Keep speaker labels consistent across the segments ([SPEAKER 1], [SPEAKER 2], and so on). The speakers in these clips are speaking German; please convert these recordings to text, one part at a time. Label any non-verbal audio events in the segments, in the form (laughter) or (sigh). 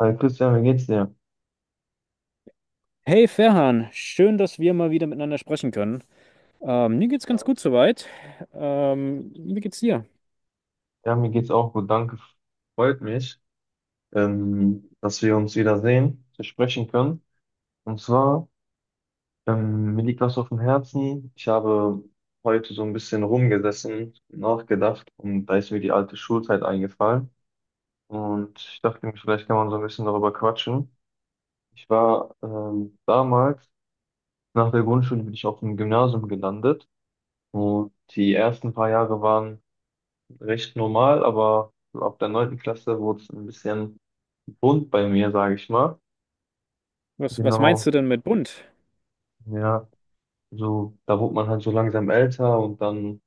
[SPEAKER 1] Hi Christian, wie geht's dir?
[SPEAKER 2] Hey Ferhan, schön, dass wir mal wieder miteinander sprechen können. Mir geht's ganz gut soweit. Wie geht's dir?
[SPEAKER 1] Ja, mir geht's auch gut, danke. Freut mich, dass wir uns wiedersehen, dass wir sprechen können. Und zwar, mir liegt was auf dem Herzen. Ich habe heute so ein bisschen rumgesessen, nachgedacht und da ist mir die alte Schulzeit eingefallen. Und ich dachte mir, vielleicht kann man so ein bisschen darüber quatschen. Ich war damals, nach der Grundschule bin ich auf dem Gymnasium gelandet, und die ersten paar Jahre waren recht normal, aber so ab der neunten Klasse wurde es ein bisschen bunt bei mir, sage ich mal.
[SPEAKER 2] Was meinst du
[SPEAKER 1] Genau,
[SPEAKER 2] denn mit bunt?
[SPEAKER 1] ja. So, da wurde man halt so langsam älter und dann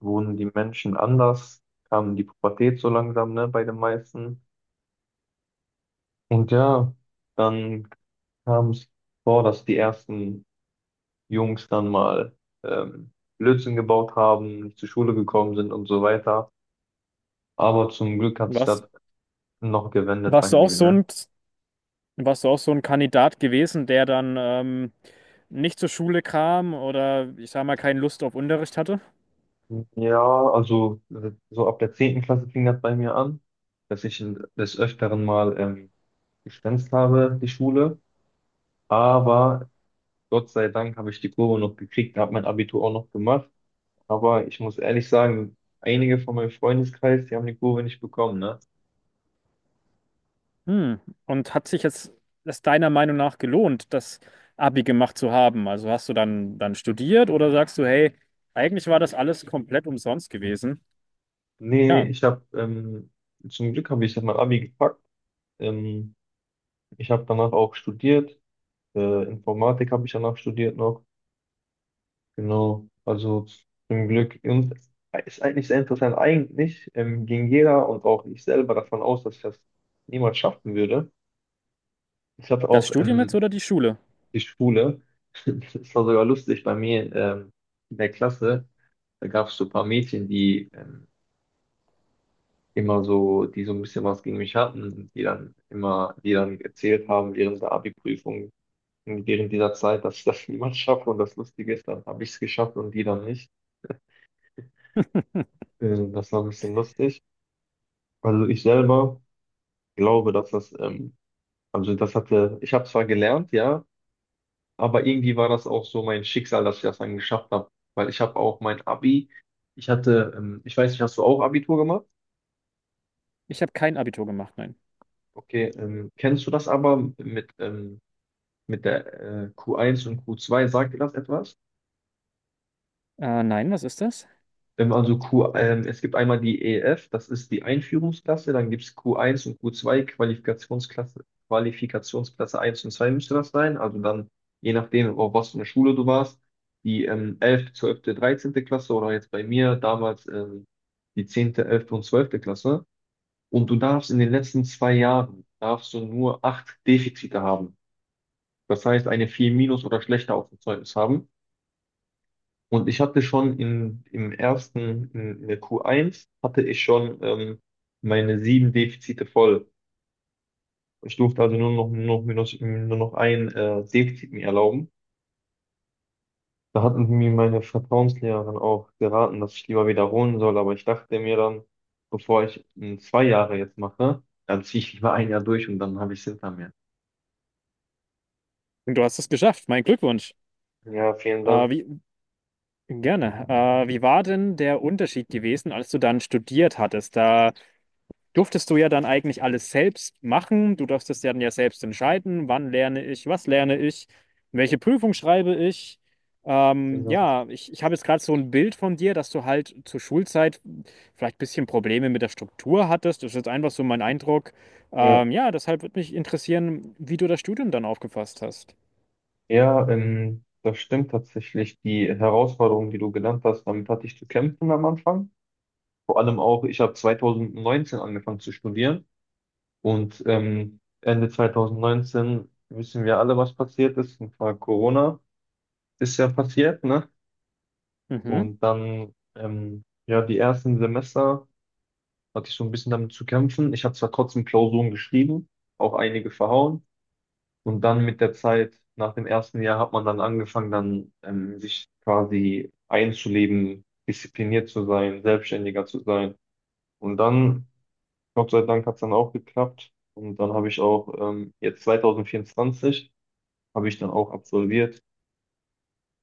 [SPEAKER 1] wurden die Menschen anders, kam die Pubertät so langsam, ne, bei den meisten. Und ja, dann kam es vor, dass die ersten Jungs dann mal ähm, Blödsinn gebaut haben, nicht zur Schule gekommen sind und so weiter. Aber zum Glück hat sich das
[SPEAKER 2] Warst,
[SPEAKER 1] noch gewendet bei
[SPEAKER 2] warst du auch
[SPEAKER 1] mir,
[SPEAKER 2] so
[SPEAKER 1] ne?
[SPEAKER 2] ein, Warst du auch so ein Kandidat gewesen, der dann nicht zur Schule kam oder ich sag mal keine Lust auf Unterricht hatte?
[SPEAKER 1] Ja, also so ab der 10. Klasse fing das bei mir an, dass ich des Öfteren mal geschwänzt habe, die Schule. Aber Gott sei Dank habe ich die Kurve noch gekriegt, habe mein Abitur auch noch gemacht. Aber ich muss ehrlich sagen, einige von meinem Freundeskreis, die haben die Kurve nicht bekommen, ne?
[SPEAKER 2] Hm. Und hat sich jetzt es deiner Meinung nach gelohnt, das Abi gemacht zu haben? Also hast du dann studiert oder sagst du, hey, eigentlich war das alles komplett umsonst gewesen?
[SPEAKER 1] Nee,
[SPEAKER 2] Ja,
[SPEAKER 1] ich habe, zum Glück habe ich dann mein Abi gepackt. Ähm, Ich habe danach auch studiert. Informatik habe ich danach studiert noch. Genau, also zum Glück. Und ist eigentlich sehr interessant. Eigentlich ging jeder und auch ich selber davon aus, dass ich das niemals schaffen würde. Ich hatte
[SPEAKER 2] das
[SPEAKER 1] auch
[SPEAKER 2] Studium jetzt oder die Schule?
[SPEAKER 1] die Schule, (laughs) das war sogar lustig bei mir, in der Klasse, da gab es so ein paar Mädchen, die immer so, die so ein bisschen was gegen mich hatten und die dann immer, die dann erzählt haben während der Abi-Prüfung, während dieser Zeit, dass ich das (laughs) niemals schaffe. Und das Lustige ist, dann habe ich es geschafft und die dann nicht. Das war ein bisschen lustig. Also ich selber glaube, dass das, also das hatte, ich habe zwar gelernt, ja, aber irgendwie war das auch so mein Schicksal, dass ich das dann geschafft habe, weil ich habe auch mein Abi, ich hatte, ich weiß nicht, hast du auch Abitur gemacht?
[SPEAKER 2] Ich habe kein Abitur gemacht, nein.
[SPEAKER 1] Okay, kennst du das aber mit der Q1 und Q2, sagt dir das etwas?
[SPEAKER 2] Nein, was ist das?
[SPEAKER 1] Also Q, es gibt einmal die EF, das ist die Einführungsklasse, dann gibt es Q1 und Q2, Qualifikationsklasse, Qualifikationsklasse eins und 2 müsste das sein. Also dann, je nachdem, auf was für eine Schule du warst, die 11., 12., 13. Klasse, oder jetzt bei mir damals die 10., 11. und 12. Klasse. Und du darfst in den letzten 2 Jahren, darfst du nur acht Defizite haben. Das heißt, eine 4 minus oder schlechter auf dem Zeugnis haben. Und ich hatte schon im ersten, in der Q1, hatte ich schon meine sieben Defizite voll. Ich durfte also nur noch ein Defizit mir erlauben. Da hatten mir meine Vertrauenslehrerin auch geraten, dass ich lieber wiederholen soll, aber ich dachte mir dann, bevor ich 2 Jahre jetzt mache, dann ziehe ich lieber ein Jahr durch und dann habe ich es hinter mir.
[SPEAKER 2] Du hast es geschafft, mein Glückwunsch.
[SPEAKER 1] Ja, vielen
[SPEAKER 2] Äh,
[SPEAKER 1] Dank.
[SPEAKER 2] wie, Gerne. Wie war denn der Unterschied gewesen, als du dann studiert hattest? Da durftest du ja dann eigentlich alles selbst machen. Du durftest ja dann ja selbst entscheiden, wann lerne ich, was lerne ich, welche Prüfung schreibe ich.
[SPEAKER 1] Genau.
[SPEAKER 2] Ja, ich habe jetzt gerade so ein Bild von dir, dass du halt zur Schulzeit vielleicht ein bisschen Probleme mit der Struktur hattest. Das ist jetzt einfach so mein Eindruck.
[SPEAKER 1] Ja,
[SPEAKER 2] Ja, deshalb würde mich interessieren, wie du das Studium dann aufgefasst hast.
[SPEAKER 1] ja, das stimmt tatsächlich. Die Herausforderung, die du genannt hast, damit hatte ich zu kämpfen am Anfang. Vor allem auch, ich habe 2019 angefangen zu studieren, und Ende 2019 wissen wir alle, was passiert ist. Und zwar Corona ist ja passiert, ne?
[SPEAKER 2] Mhm.
[SPEAKER 1] Und dann, ja, die ersten Semester hatte ich so ein bisschen damit zu kämpfen. Ich habe zwar trotzdem Klausuren geschrieben, auch einige verhauen. Und dann mit der Zeit, nach dem ersten Jahr, hat man dann angefangen, dann sich quasi einzuleben, diszipliniert zu sein, selbstständiger zu sein. Und dann Gott sei Dank hat es dann auch geklappt. Und dann habe ich auch, jetzt 2024, habe ich dann auch absolviert.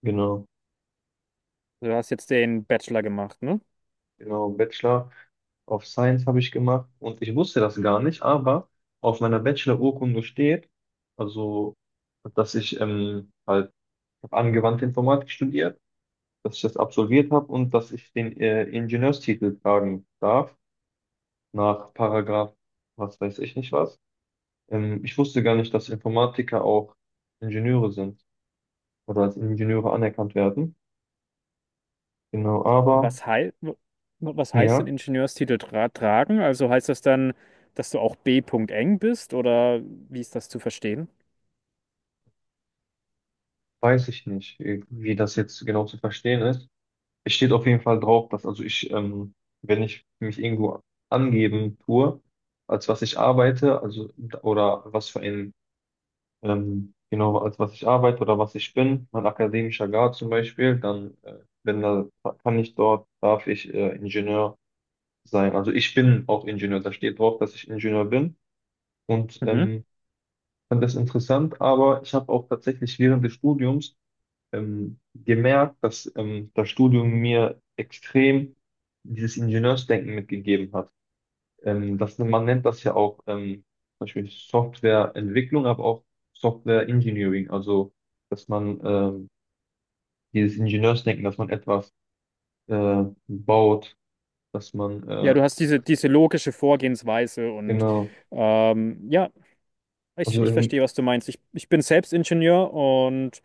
[SPEAKER 1] Genau,
[SPEAKER 2] Du hast jetzt den Bachelor gemacht, ne?
[SPEAKER 1] genau, Bachelor of Science habe ich gemacht. Und ich wusste das gar nicht, aber auf meiner Bachelor-Urkunde steht, also, dass ich halt hab angewandte Informatik studiert, dass ich das absolviert habe und dass ich den Ingenieurstitel tragen darf, nach Paragraph, was weiß ich nicht was. Ich wusste gar nicht, dass Informatiker auch Ingenieure sind oder als Ingenieure anerkannt werden. Genau, aber
[SPEAKER 2] Was, hei w- was heißt denn
[SPEAKER 1] ja,
[SPEAKER 2] Ingenieurstitel tragen? Also heißt das dann, dass du auch B.Eng. bist oder wie ist das zu verstehen?
[SPEAKER 1] weiß ich nicht, wie das jetzt genau zu verstehen ist. Es steht auf jeden Fall drauf, dass also ich, wenn ich mich irgendwo angeben tue, als was ich arbeite, also oder was für ein, genau, als was ich arbeite oder was ich bin, mein akademischer Grad zum Beispiel, dann wenn da kann ich dort, darf ich Ingenieur sein. Also ich bin auch Ingenieur, da steht drauf, dass ich Ingenieur bin. Und
[SPEAKER 2] Mhm.
[SPEAKER 1] fand das interessant, aber ich habe auch tatsächlich während des Studiums gemerkt, dass das Studium mir extrem dieses Ingenieursdenken mitgegeben hat. Das, man nennt das ja auch zum Beispiel Softwareentwicklung, aber auch Software Engineering, also dass man dieses Ingenieursdenken, dass man etwas baut, dass man
[SPEAKER 2] Ja, du hast diese logische Vorgehensweise und
[SPEAKER 1] genau.
[SPEAKER 2] ja, ich,
[SPEAKER 1] Also
[SPEAKER 2] ich verstehe, was du meinst. Ich bin selbst Ingenieur und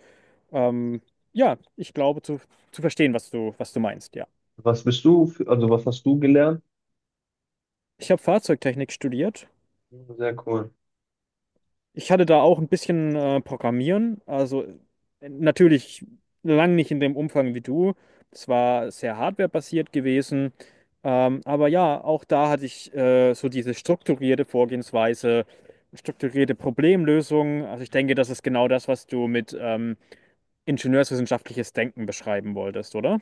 [SPEAKER 2] ähm, ja, ich glaube zu verstehen, was du meinst, ja.
[SPEAKER 1] was bist du, für, also was hast du gelernt?
[SPEAKER 2] Ich habe Fahrzeugtechnik studiert.
[SPEAKER 1] Sehr cool.
[SPEAKER 2] Ich hatte da auch ein bisschen Programmieren, also natürlich lang nicht in dem Umfang wie du. Es war sehr hardwarebasiert gewesen, aber ja, auch da hatte ich so diese strukturierte Vorgehensweise, strukturierte Problemlösung. Also ich denke, das ist genau das, was du mit ingenieurswissenschaftliches Denken beschreiben wolltest, oder?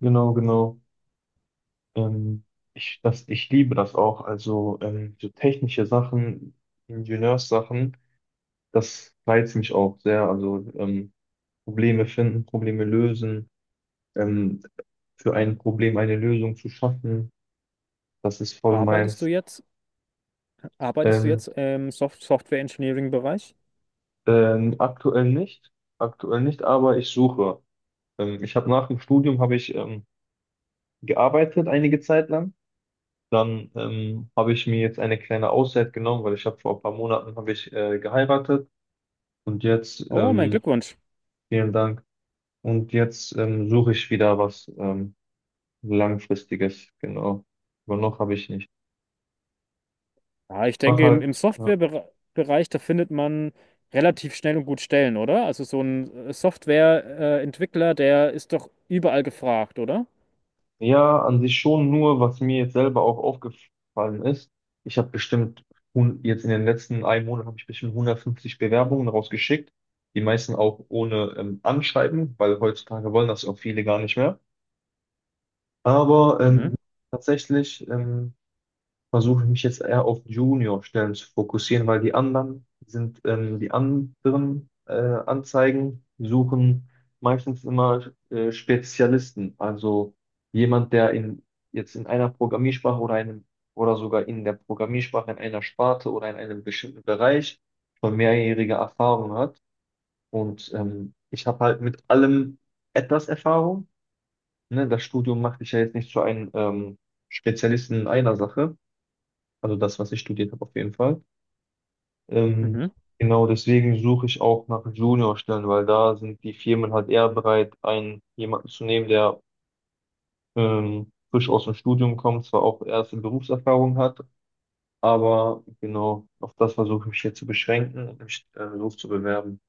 [SPEAKER 1] Genau, genau. Ähm, Ich, das, ich liebe das auch. Also so technische Sachen, Ingenieurssachen, das reizt mich auch sehr. Also Probleme finden, Probleme lösen, ähm, für ein Problem eine Lösung zu schaffen, das ist voll
[SPEAKER 2] Arbeitest du
[SPEAKER 1] meins.
[SPEAKER 2] jetzt, arbeitest du
[SPEAKER 1] Ähm,
[SPEAKER 2] jetzt im Software Engineering Bereich?
[SPEAKER 1] Aktuell nicht, aktuell nicht, aber ich suche. Ich habe nach dem Studium habe ich gearbeitet einige Zeit lang. Dann habe ich mir jetzt eine kleine Auszeit genommen, weil ich habe vor ein paar Monaten habe ich geheiratet. Und jetzt,
[SPEAKER 2] Oh, mein Glückwunsch.
[SPEAKER 1] vielen Dank. Und jetzt suche ich wieder was Langfristiges, genau. Aber noch habe ich nicht.
[SPEAKER 2] Ja, ich
[SPEAKER 1] Ich mache
[SPEAKER 2] denke, im,
[SPEAKER 1] halt,
[SPEAKER 2] im
[SPEAKER 1] ja,
[SPEAKER 2] Softwarebereich, da findet man relativ schnell und gut Stellen, oder? Also so ein Softwareentwickler, der ist doch überall gefragt, oder?
[SPEAKER 1] ja, an sich schon nur, was mir jetzt selber auch aufgefallen ist. Ich habe bestimmt, jetzt in den letzten einem Monat habe ich bestimmt 150 Bewerbungen rausgeschickt. Die meisten auch ohne Anschreiben, weil heutzutage wollen das auch viele gar nicht mehr. Aber
[SPEAKER 2] Mhm.
[SPEAKER 1] tatsächlich versuche ich mich jetzt eher auf Junior-Stellen zu fokussieren, weil die anderen sind, die anderen Anzeigen suchen meistens immer Spezialisten, also jemand, der in, jetzt in einer Programmiersprache oder einem oder sogar in der Programmiersprache in einer Sparte oder in einem bestimmten Bereich schon mehrjährige Erfahrung hat. Und ich habe halt mit allem etwas Erfahrung. Ne? Das Studium macht dich ja jetzt nicht zu einem Spezialisten in einer Sache. Also das, was ich studiert habe, auf jeden Fall. Ähm,
[SPEAKER 2] Mhm.
[SPEAKER 1] genau deswegen suche ich auch nach Juniorstellen, weil da sind die Firmen halt eher bereit, einen jemanden zu nehmen, der frisch aus dem Studium kommt, zwar auch erste Berufserfahrung hat, aber genau auf das versuche ich mich hier zu beschränken und mich los zu bewerben.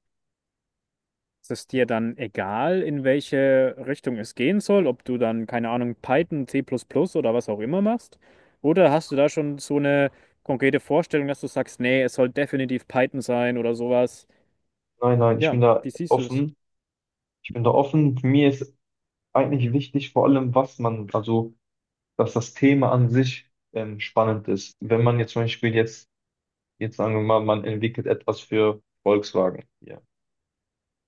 [SPEAKER 2] Ist es dir dann egal, in welche Richtung es gehen soll, ob du dann, keine Ahnung, Python, C++ oder was auch immer machst? Oder hast du da schon so eine konkrete Vorstellung, dass du sagst, nee, es soll definitiv Python sein oder sowas?
[SPEAKER 1] Nein, nein, ich
[SPEAKER 2] Ja,
[SPEAKER 1] bin da
[SPEAKER 2] wie siehst du das?
[SPEAKER 1] offen. Ich bin da offen. Für mich ist eigentlich wichtig, vor allem, was man, also, dass das Thema an sich spannend ist. Wenn man jetzt zum Beispiel jetzt jetzt sagen wir mal, man entwickelt etwas für Volkswagen hier.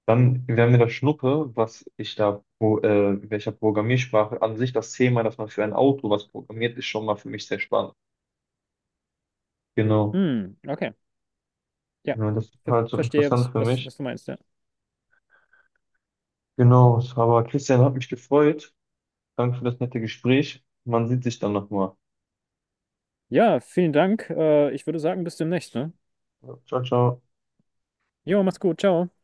[SPEAKER 1] Dann wäre mir das Schnuppe, was ich da, wo, welcher Programmiersprache, an sich das Thema, dass man für ein Auto was programmiert, ist schon mal für mich sehr spannend. Genau.
[SPEAKER 2] Hm, okay. Ja,
[SPEAKER 1] Genau, das ist
[SPEAKER 2] ver
[SPEAKER 1] halt so
[SPEAKER 2] verstehe,
[SPEAKER 1] interessant
[SPEAKER 2] was,
[SPEAKER 1] für
[SPEAKER 2] was,
[SPEAKER 1] mich.
[SPEAKER 2] was du meinst, ja.
[SPEAKER 1] Genau, aber Christian, hat mich gefreut. Danke für das nette Gespräch. Man sieht sich dann nochmal.
[SPEAKER 2] Ja, vielen Dank. Ich würde sagen, bis demnächst, ne?
[SPEAKER 1] Ciao, ciao.
[SPEAKER 2] Jo, mach's gut. Ciao.